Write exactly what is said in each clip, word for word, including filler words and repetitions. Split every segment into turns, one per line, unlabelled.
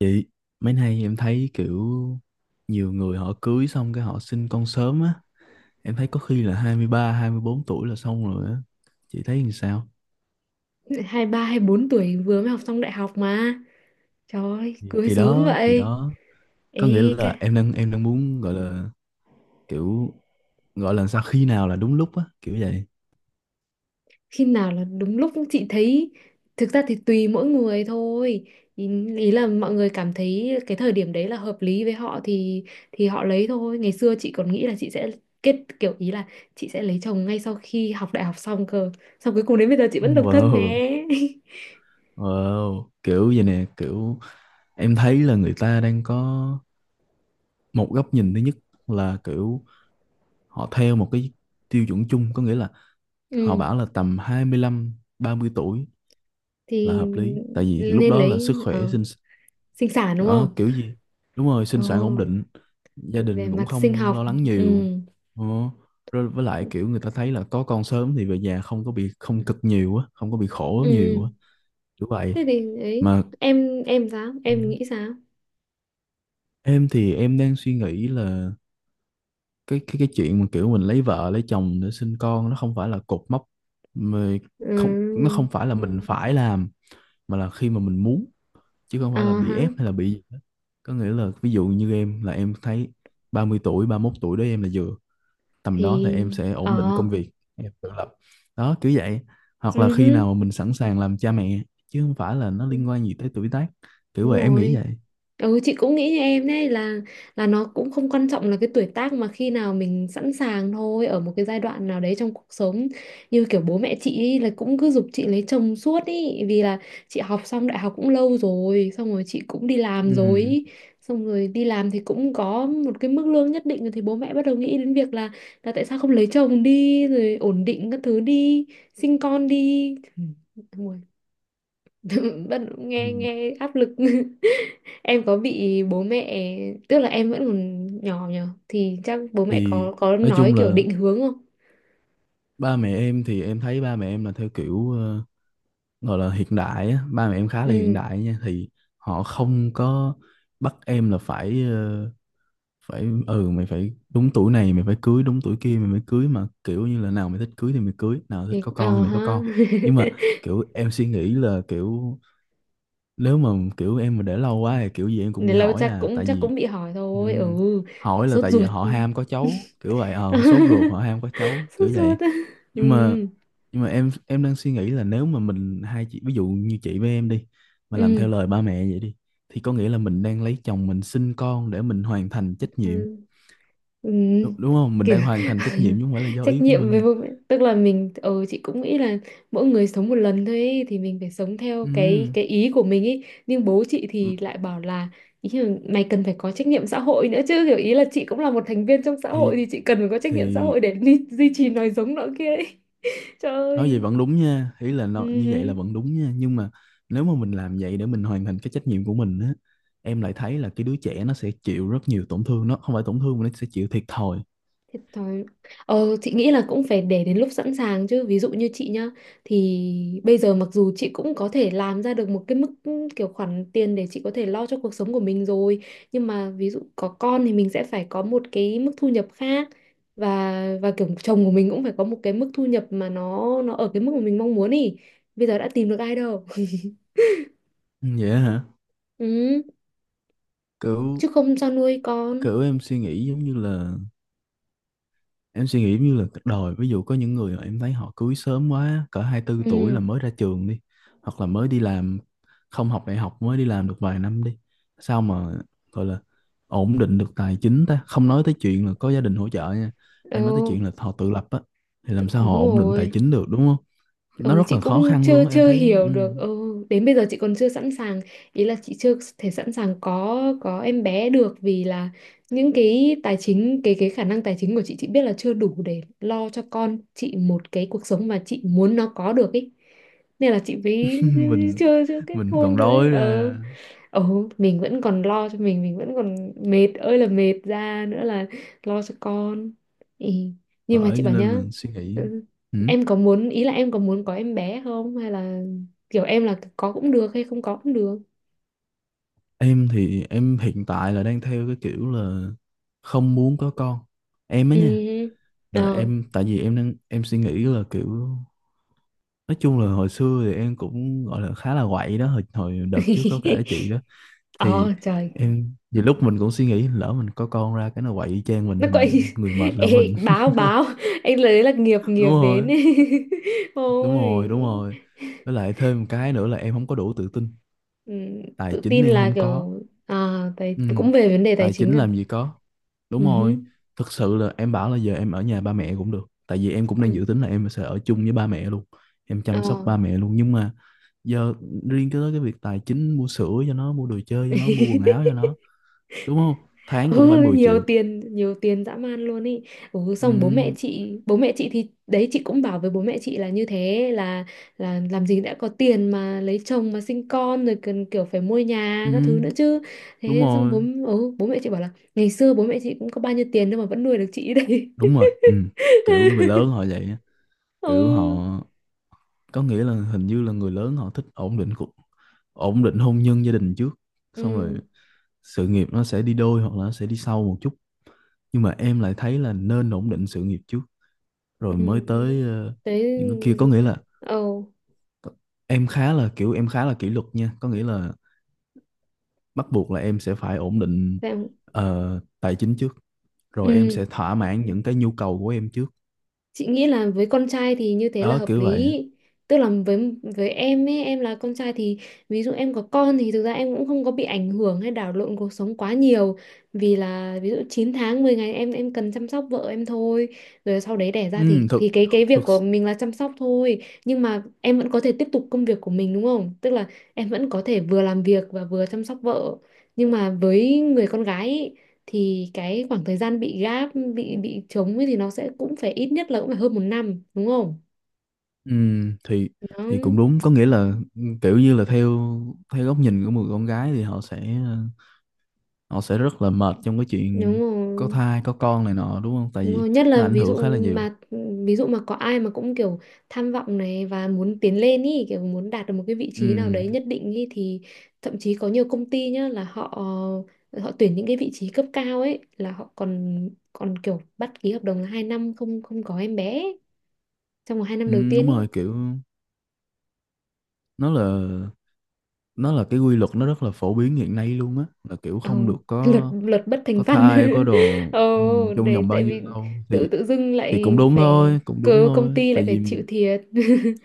Chị, mấy nay em thấy kiểu nhiều người họ cưới xong cái họ sinh con sớm á. Em thấy có khi là hai, hai mươi ba, hai mươi bốn tuổi là xong rồi á. Chị thấy làm sao?
Hai ba hai bốn tuổi vừa mới học xong đại học mà trời ơi,
Thì
cưới
thì
sớm
đó, thì
vậy.
đó, có nghĩa
Ê cái,
là em đang em đang muốn gọi là kiểu, gọi là sao khi nào là đúng lúc á, kiểu vậy.
khi nào là đúng lúc? Chị thấy thực ra thì tùy mỗi người thôi. Ý, ý là mọi người cảm thấy cái thời điểm đấy là hợp lý với họ thì thì họ lấy thôi. Ngày xưa chị còn nghĩ là chị sẽ kết, kiểu ý là chị sẽ lấy chồng ngay sau khi học đại học xong cơ. Xong cuối cùng đến bây giờ chị vẫn độc thân
Wow,
nè.
wow, kiểu vậy nè, kiểu em thấy là người ta đang có một góc nhìn thứ nhất là kiểu họ theo một cái tiêu chuẩn chung, có nghĩa là họ
Ừ
bảo là tầm hai mươi lăm, ba mươi tuổi là
thì
hợp lý, tại vì lúc
nên
đó là
lấy
sức khỏe
ờ,
sinh,
sinh sản đúng
đó
không?
kiểu gì, đúng rồi,
Ờ,
sinh sản ổn định, gia
về
đình cũng
mặt sinh
không lo
học.
lắng nhiều.
Ừ.
Ờ, rồi với lại kiểu người ta thấy là có con sớm thì về nhà không có bị, không cực nhiều á, không có bị khổ
Ừ
nhiều á, kiểu vậy.
thế thì ấy,
Mà
em em sao, em nghĩ sao?
em thì em đang suy nghĩ là cái cái cái chuyện mà kiểu mình lấy vợ lấy chồng để sinh con nó không phải là cột mốc mà không, nó
Ừ.
không phải là mình phải làm mà là khi mà mình muốn, chứ không
Ờ
phải là bị
hả.
ép hay là bị gì hết. Có nghĩa là ví dụ như em là em thấy ba mươi tuổi, ba mươi mốt tuổi đó, em là vừa tầm đó thì
Thì.
em sẽ
Ờ.
ổn định công việc, em tự lập, đó kiểu vậy. Hoặc là
Ừ
khi
hứ,
nào mà mình sẵn sàng làm cha mẹ chứ không phải là nó liên quan gì tới tuổi tác, kiểu
đúng
vậy em nghĩ
rồi.
vậy.
Ừ, chị cũng nghĩ như em đấy, là là nó cũng không quan trọng là cái tuổi tác, mà khi nào mình sẵn sàng thôi, ở một cái giai đoạn nào đấy trong cuộc sống. Như kiểu bố mẹ chị ý, là cũng cứ giục chị lấy chồng suốt ý, vì là chị học xong đại học cũng lâu rồi, xong rồi chị cũng đi làm rồi
Ừ.
ý. Xong rồi đi làm thì cũng có một cái mức lương nhất định rồi thì bố mẹ bắt đầu nghĩ đến việc là là tại sao không lấy chồng đi rồi ổn định các thứ đi, sinh con đi. Ừ, ôi, bắt đầu
Ừ.
nghe nghe áp lực. Em có bị bố mẹ, tức là em vẫn còn nhỏ nhờ thì chắc bố mẹ
Thì
có có
nói
nói
chung
kiểu
là
định hướng không?
ba mẹ em thì em thấy ba mẹ em là theo kiểu ờ, gọi là hiện đại á. Ba mẹ em khá
Ừ
là hiện đại nha. Thì họ không có bắt em là phải ờ, phải, ừ, mày phải đúng tuổi này, mày phải cưới đúng tuổi kia mày mới cưới, mà kiểu như là nào mày thích cưới thì mày cưới, nào thích
thì
có con
ờ
thì mày có
ha.
con. Nhưng mà kiểu em suy nghĩ là kiểu nếu mà kiểu em mà để lâu quá thì kiểu gì em cũng bị
Đến lâu
hỏi
chắc
à,
cũng
tại
chắc
vì
cũng bị hỏi thôi.
ừm,
Ừ,
hỏi là
sốt
tại vì
ruột.
họ ham có cháu kiểu vậy, ờ sốt ruột, họ ham có cháu
Sốt
kiểu vậy.
ruột. Ừ.
Nhưng mà nhưng mà em em đang suy nghĩ là nếu mà mình hai chị, ví dụ như chị với em đi, mà làm
Ừ.
theo lời ba mẹ vậy đi thì có nghĩa là mình đang lấy chồng, mình sinh con để mình hoàn thành trách nhiệm,
Ừ. Ừ,
đúng, đúng không, mình
kiểu
đang hoàn thành trách nhiệm chứ không phải là do
trách
ý của
nhiệm với
mình.
bố mẹ, tức là mình, ờ, chị cũng nghĩ là mỗi người sống một lần thôi ấy, thì mình phải sống theo cái
Ừm,
cái ý của mình ấy, nhưng bố chị thì
m-
lại bảo là ý là mày cần phải có trách nhiệm xã hội nữa chứ, kiểu ý là chị cũng là một thành viên trong xã
thì
hội thì chị cần phải có trách nhiệm xã
thì
hội để duy, duy trì nòi giống nọ kia ấy. Trời
nói
ơi.
vậy vẫn đúng nha, ý là
Ừ.
nó, như vậy là vẫn đúng nha, nhưng mà nếu mà mình làm vậy để mình hoàn thành cái trách nhiệm của mình á, em lại thấy là cái đứa trẻ nó sẽ chịu rất nhiều tổn thương, nó không phải tổn thương mà nó sẽ chịu thiệt thòi.
Thiệt thòi. Ờ, chị nghĩ là cũng phải để đến lúc sẵn sàng chứ. Ví dụ như chị nhá, thì bây giờ mặc dù chị cũng có thể làm ra được một cái mức, ừ, kiểu khoản tiền để chị có thể lo cho cuộc sống của mình rồi, nhưng mà ví dụ có con thì mình sẽ phải có một cái mức thu nhập khác, và và kiểu chồng của mình cũng phải có một cái mức thu nhập mà nó nó ở cái mức mà mình mong muốn ý. Bây giờ đã tìm được ai đâu.
Ừ, vậy hả,
Ừ,
kiểu
chứ không sao nuôi con.
kiểu em suy nghĩ giống như là, em suy nghĩ như là cả đời ví dụ có những người mà em thấy họ cưới sớm quá cỡ, hai mươi bốn tuổi
Ừ.
là mới ra trường đi, hoặc là mới đi làm, không học đại học mới đi làm được vài năm đi, sao mà gọi là ổn định được tài chính, ta không nói tới chuyện là có gia đình hỗ trợ nha, em nói tới
Ừ
chuyện là họ tự lập á, thì làm sao họ
đúng
ổn định tài
rồi.
chính được đúng không. Nó
Ừ,
rất
chị
là khó
cũng
khăn
chưa
luôn á, em
chưa
thấy á.
hiểu
Ừ.
được. Ừ, đến bây giờ chị còn chưa sẵn sàng, ý là chị chưa thể sẵn sàng có có em bé được, vì là những cái tài chính, cái cái khả năng tài chính của chị chị biết là chưa đủ để lo cho con chị một cái cuộc sống mà chị muốn nó có được ý. Nên là chị mới
mình
chưa chưa kết
mình
hôn
còn
được ấy.
đói
Ờ.
ra.
Ừ, mình vẫn còn lo cho mình mình vẫn còn mệt ơi là mệt, ra nữa là lo cho con. Ừ. Nhưng mà
Bởi
chị
cho
bảo
nên
nhá.
là suy nghĩ.
Ừ,
Ừ.
em có muốn, ý là em có muốn có em bé không, hay là kiểu em là có cũng được hay không có cũng được?
Em thì em hiện tại là đang theo cái kiểu là không muốn có con. Em á
Ừ.
nha, là
Ờ.
em, tại vì em đang em suy nghĩ là kiểu nói chung là hồi xưa thì em cũng gọi là khá là quậy đó, hồi hồi đợt trước có kể chị đó. Thì
Ờ trời.
em nhiều lúc mình cũng suy nghĩ lỡ mình có con ra cái nó quậy y chang mình
Nó
thì
quậy.
người mệt là
Ê,
mình.
báo báo anh lấy là nghiệp, nghiệp
Đúng
đến
rồi,
ấy.
đúng
Ôi.
rồi, đúng rồi. Với lại thêm một cái nữa là em không có đủ tự tin,
Ừ,
tài
tự
chính
tin
em
là
không có.
kiểu à, tài,
Ừ,
cũng về vấn đề tài
tài
chính
chính
à.
làm gì có. Đúng rồi, thực sự là em bảo là giờ em ở nhà ba mẹ cũng được. Tại vì em cũng đang
Ừ.
dự tính là em sẽ ở chung với ba mẹ luôn. Em
Ờ.
chăm sóc ba mẹ luôn. Nhưng mà giờ riêng cái tới cái việc tài chính, mua sữa cho nó, mua đồ chơi cho nó, mua quần áo cho nó. Đúng không? Tháng cũng phải
Ừ,
mười
nhiều
triệu.
tiền, nhiều tiền dã man luôn ý. Ừ, xong bố mẹ
Ừ,
chị, bố mẹ chị thì đấy, chị cũng bảo với bố mẹ chị là như thế là là làm gì đã có tiền mà lấy chồng mà sinh con rồi cần kiểu phải mua nhà
ừ,
các thứ nữa chứ.
đúng
Thế xong
rồi,
bố, ừ, bố mẹ chị bảo là ngày xưa bố mẹ chị cũng có bao nhiêu tiền đâu mà vẫn nuôi được chị đấy.
đúng rồi. Ừ. Kiểu người lớn họ vậy á. Kiểu họ,
Ừ.
có nghĩa là hình như là người lớn họ thích ổn định cuộc, ổn định hôn nhân gia đình trước, xong rồi
Ừ.
sự nghiệp nó sẽ đi đôi hoặc là nó sẽ đi sau một chút. Nhưng mà em lại thấy là nên ổn định sự nghiệp trước rồi mới tới
Ừ.
ờ,
Thế.
những cái kia. Có
Ừ.
nghĩa là
Ờ,
em khá là kiểu, em khá là kỷ luật nha, có nghĩa là bắt buộc là em sẽ phải ổn định
thế.
ờ, tài chính trước rồi em
Ừ.
sẽ thỏa mãn những cái nhu cầu của em trước,
Chị nghĩ là với con trai thì như thế là
đó
hợp
kiểu vậy.
lý. Tức là với với em ấy, em là con trai thì ví dụ em có con thì thực ra em cũng không có bị ảnh hưởng hay đảo lộn cuộc sống quá nhiều, vì là ví dụ chín tháng mười ngày em em cần chăm sóc vợ em thôi. Rồi sau đấy đẻ ra thì
Ừ, thực
thì cái cái việc
thực
của mình là chăm sóc thôi, nhưng mà em vẫn có thể tiếp tục công việc của mình đúng không? Tức là em vẫn có thể vừa làm việc và vừa chăm sóc vợ, nhưng mà với người con gái ý, thì cái khoảng thời gian bị gáp, bị bị trống ấy, thì nó sẽ cũng phải ít nhất là cũng phải hơn một năm đúng không?
ừ, thì
Nó.
thì cũng đúng, có nghĩa là kiểu như là theo, theo góc nhìn của một con gái thì họ sẽ ờ, họ sẽ rất là mệt trong cái
Đúng
chuyện có
rồi.
thai có con này nọ đúng không, tại
Đúng rồi,
vì
nhất là
nó ảnh
ví
hưởng
dụ
khá là nhiều.
mà ví dụ mà có ai mà cũng kiểu tham vọng này và muốn tiến lên ý, kiểu muốn đạt được một cái vị
Ừ,
trí nào đấy nhất định ý, thì thậm chí có nhiều công ty nhá, là họ họ tuyển những cái vị trí cấp cao ấy là họ còn còn kiểu bắt ký hợp đồng là hai năm không, không có em bé ấy, trong vòng hai năm
ừ
đầu
đúng
tiên ý.
rồi, kiểu nó là, nó là cái quy luật nó rất là phổ biến hiện nay luôn á, là kiểu không được
Ồ, luật,
có
luật bất thành
có
văn.
thai có đồ ừ,
Ồ,
trong
để
vòng bao
tại
nhiêu
vì
lâu
tự
thì
tự dưng
thì cũng
lại
đúng
phải,
thôi, cũng đúng
cớ công
thôi,
ty
tại
lại phải
vì
chịu
mình
thiệt.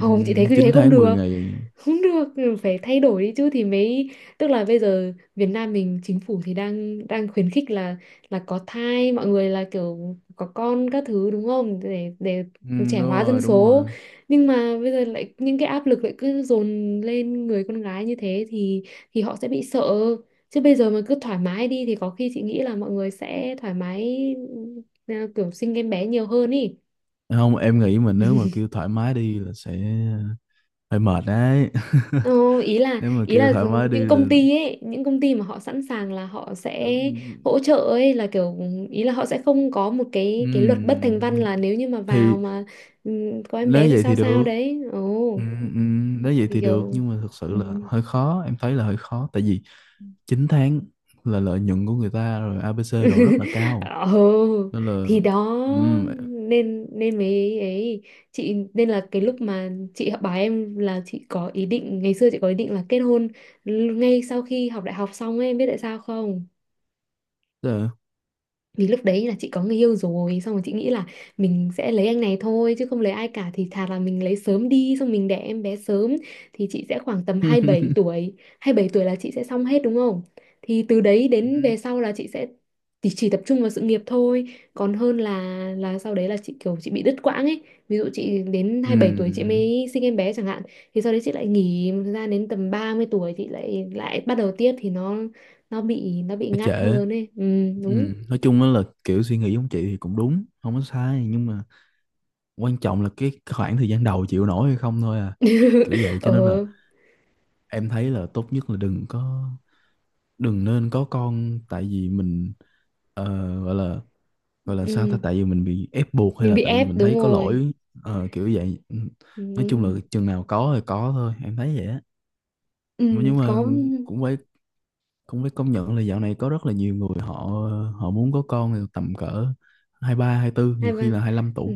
ừ,
chị thấy cứ thế
chín
không
tháng mười
được,
ngày.
không được, phải thay đổi đi chứ thì mới. Tức là bây giờ Việt Nam mình, chính phủ thì đang đang khuyến khích là là có thai mọi người là kiểu có con các thứ đúng không, để để
Ừ, đúng
trẻ hóa dân
rồi, đúng
số,
rồi,
nhưng mà bây giờ lại những cái áp lực lại cứ dồn lên người con gái như thế thì thì họ sẽ bị sợ. Chứ bây giờ mà cứ thoải mái đi thì có khi chị nghĩ là mọi người sẽ thoải mái, ừ, à, kiểu sinh em bé nhiều hơn ý.
không em nghĩ mà nếu mà kêu thoải mái đi là sẽ ờ, hơi mệt đấy.
Ờ, ý là
Nếu mà
ý
kêu
là
thoải mái đi
những
là
công ty ấy, những công ty mà họ sẵn sàng là họ sẽ hỗ trợ ấy, là kiểu ừ, ý là họ sẽ không có một cái cái luật bất thành
Ừm,
văn là nếu như mà vào
thì
mà, ừ, có em
nếu
bé thì
vậy
sao
thì
sao
được.
đấy. Ồ,
Ừm, ừm, nếu vậy
thì
thì được
kiểu.
nhưng mà thực sự
Ừ.
là hơi khó, em thấy là hơi khó, tại vì chín tháng là lợi nhuận của người ta rồi a bê xê đồ rất là cao
Ồ.
nên là
Thì đó,
ừm,
nên nên mấy ấy, chị nên là cái lúc mà chị học bài, em là chị có ý định, ngày xưa chị có ý định là kết hôn l- ngay sau khi học đại học xong ấy, em biết tại sao không?
tức là…
Vì lúc đấy là chị có người yêu rồi, xong rồi chị nghĩ là mình sẽ lấy anh này thôi chứ không lấy ai cả, thì thà là mình lấy sớm đi xong mình đẻ em bé sớm thì chị sẽ khoảng tầm hai mươi bảy tuổi Hai mươi bảy tuổi là chị sẽ xong hết đúng không? Thì từ đấy đến
Ừm,
về sau là chị sẽ thì chỉ tập trung vào sự nghiệp thôi, còn hơn là là sau đấy là chị kiểu chị bị đứt quãng ấy. Ví dụ chị đến hai mươi bảy tuổi chị
ừm,
mới sinh em bé chẳng hạn, thì sau đấy chị lại nghỉ một thời gian đến tầm ba mươi tuổi chị lại lại bắt đầu tiếp thì nó nó bị nó bị
nó
ngắt
trễ.
hơn ấy. Ừ, đúng.
Ừm, nói chung á là kiểu suy nghĩ giống chị thì cũng đúng, không có sai, nhưng mà quan trọng là cái khoảng thời gian đầu chịu nổi hay không thôi à, kiểu vậy cho nên là
Ờ.
em thấy là tốt nhất là đừng có, đừng nên có con tại vì mình ờ, gọi là, gọi là sao ta,
Ừ.
tại vì mình bị ép buộc hay
Mình
là
bị
tại vì
ép,
mình
đúng
thấy có
rồi.
lỗi, ờ, kiểu vậy. Ừ. Nói chung
Ừ.
là chừng nào có thì có thôi, em thấy vậy á. Mà
Ừ.
nhưng mà
Có.
cũng phải cũng phải công nhận là dạo này có rất là nhiều người họ, họ muốn có con thì tầm cỡ hai ba, hai tư,
hai
nhiều
ba
khi là hai lăm tuổi,
Ừ.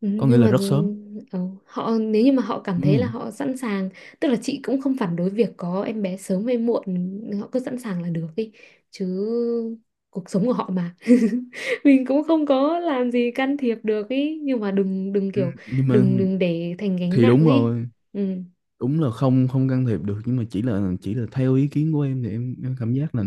Ừ,
có nghĩa
nhưng
là
mà
rất sớm.
ờ, họ nếu như mà họ cảm thấy là
Ừ.
họ sẵn sàng, tức là chị cũng không phản đối việc có em bé sớm hay muộn, họ cứ sẵn sàng là được đi chứ, cuộc sống của họ mà. Mình cũng không có làm gì can thiệp được ý, nhưng mà đừng đừng
Ừ.
kiểu,
Nhưng mà
đừng đừng để thành gánh
thì
nặng
đúng
ý.
rồi,
Ừ.
đúng là không, không can thiệp được, nhưng mà chỉ là, chỉ là theo ý kiến của em thì em em cảm giác là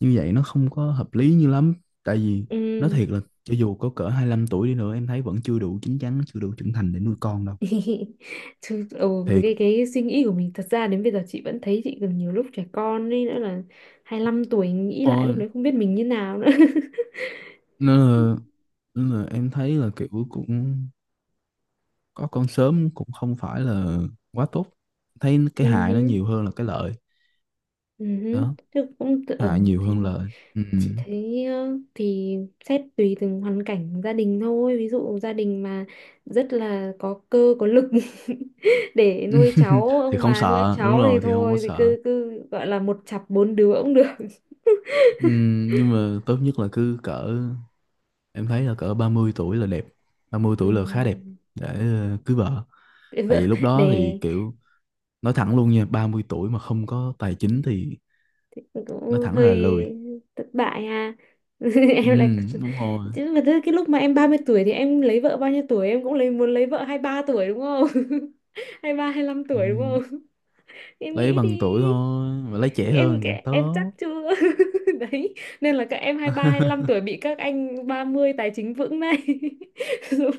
như vậy nó không có hợp lý như lắm, tại vì nói
Ừ.
thiệt là cho dù có cỡ hai lăm tuổi đi nữa em thấy vẫn chưa đủ chín chắn, chưa đủ trưởng thành để nuôi con đâu,
Chứ, ừ,
thiệt.
cái cái suy nghĩ của mình thật ra đến bây giờ chị vẫn thấy chị còn nhiều lúc trẻ con ấy, nữa là hai lăm tuổi, nghĩ lại lúc
Ôi,
đấy không biết mình như nào nữa.
nên là, nên là em thấy là kiểu cũng có con sớm cũng không phải là quá tốt, thấy cái
Ừ
hại nó
hứ,
nhiều hơn là cái lợi,
ừ hứ.
đó,
Chứ cũng tự-, ừ,
hại nhiều
thì
hơn lợi. Ừ.
chị thấy ờ, thì xét tùy từng hoàn cảnh gia đình thôi. Ví dụ gia đình mà rất là có cơ có lực để nuôi cháu,
Thì
ông
không
bà nuôi
sợ, đúng
cháu thì
rồi, thì không có
thôi thì
sợ.
cứ cứ gọi là một chặp bốn đứa cũng được.
Ừm, nhưng mà tốt nhất là cứ cỡ, em thấy là cỡ ba mươi tuổi là đẹp, ba mươi
Ừ.
tuổi là khá đẹp để ờ, cưới vợ.
Cưới
Tại
vợ
vì lúc đó thì
nè.
kiểu nói thẳng luôn nha, ba mươi tuổi mà không có tài chính thì nói
Cũng
thẳng ra
hơi
là lười.
thất bại ha. Em lại chứ,
Ừm, đúng rồi.
mà thế cái lúc mà em ba mươi tuổi thì em lấy vợ bao nhiêu tuổi, em cũng lấy muốn lấy vợ hai mươi ba tuổi đúng không? hai ba hai lăm tuổi đúng
Ừm,
không? Em
lấy
nghĩ đi,
bằng tuổi thôi, mà lấy trẻ
em
hơn càng
em chắc
tốt.
chưa. Đấy, nên là các em hai ba hai lăm tuổi bị các anh ba mươi tài chính vững này. Đúng.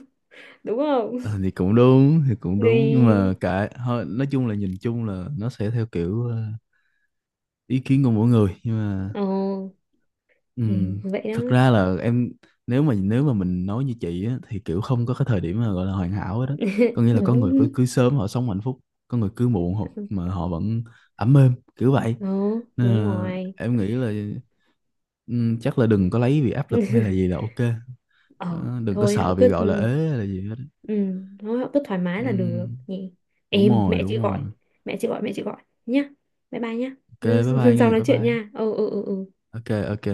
Đúng không?
Ờ, thì cũng đúng, thì cũng đúng nhưng mà
Thì.
cả thôi, nói chung là nhìn chung là nó sẽ theo kiểu ờ, ý kiến của mỗi người, nhưng mà
Ồ.
Ừ,
Thì vậy đó.
thật ra là em, nếu mà, nếu mà mình nói như chị á, thì kiểu không có cái thời điểm mà gọi là hoàn hảo hết đó, có nghĩa là có người cứ
Đúng.
cưới sớm họ sống hạnh phúc, có người cưới muộn họ, mà họ vẫn ấm êm kiểu vậy,
Ừ,
nên
đúng
là
rồi.
em nghĩ là ừ, chắc là đừng có lấy vì áp lực hay là gì là ok.
Ờ
Ờ, đừng có
thôi họ
sợ bị
cứ,
gọi là ế hay là gì hết.
ừ, thôi họ cứ thoải mái là được
Ừ,
nhỉ.
đúng
Em,
rồi,
mẹ chị
đúng
gọi,
rồi.
mẹ chị gọi, mẹ chị gọi nhá, bye bye nhá.
Ok, bye bye nghe,
Sau nói
bye
chuyện
bye.
nha, ừ ừ ừ ừ.
Ok. Ok.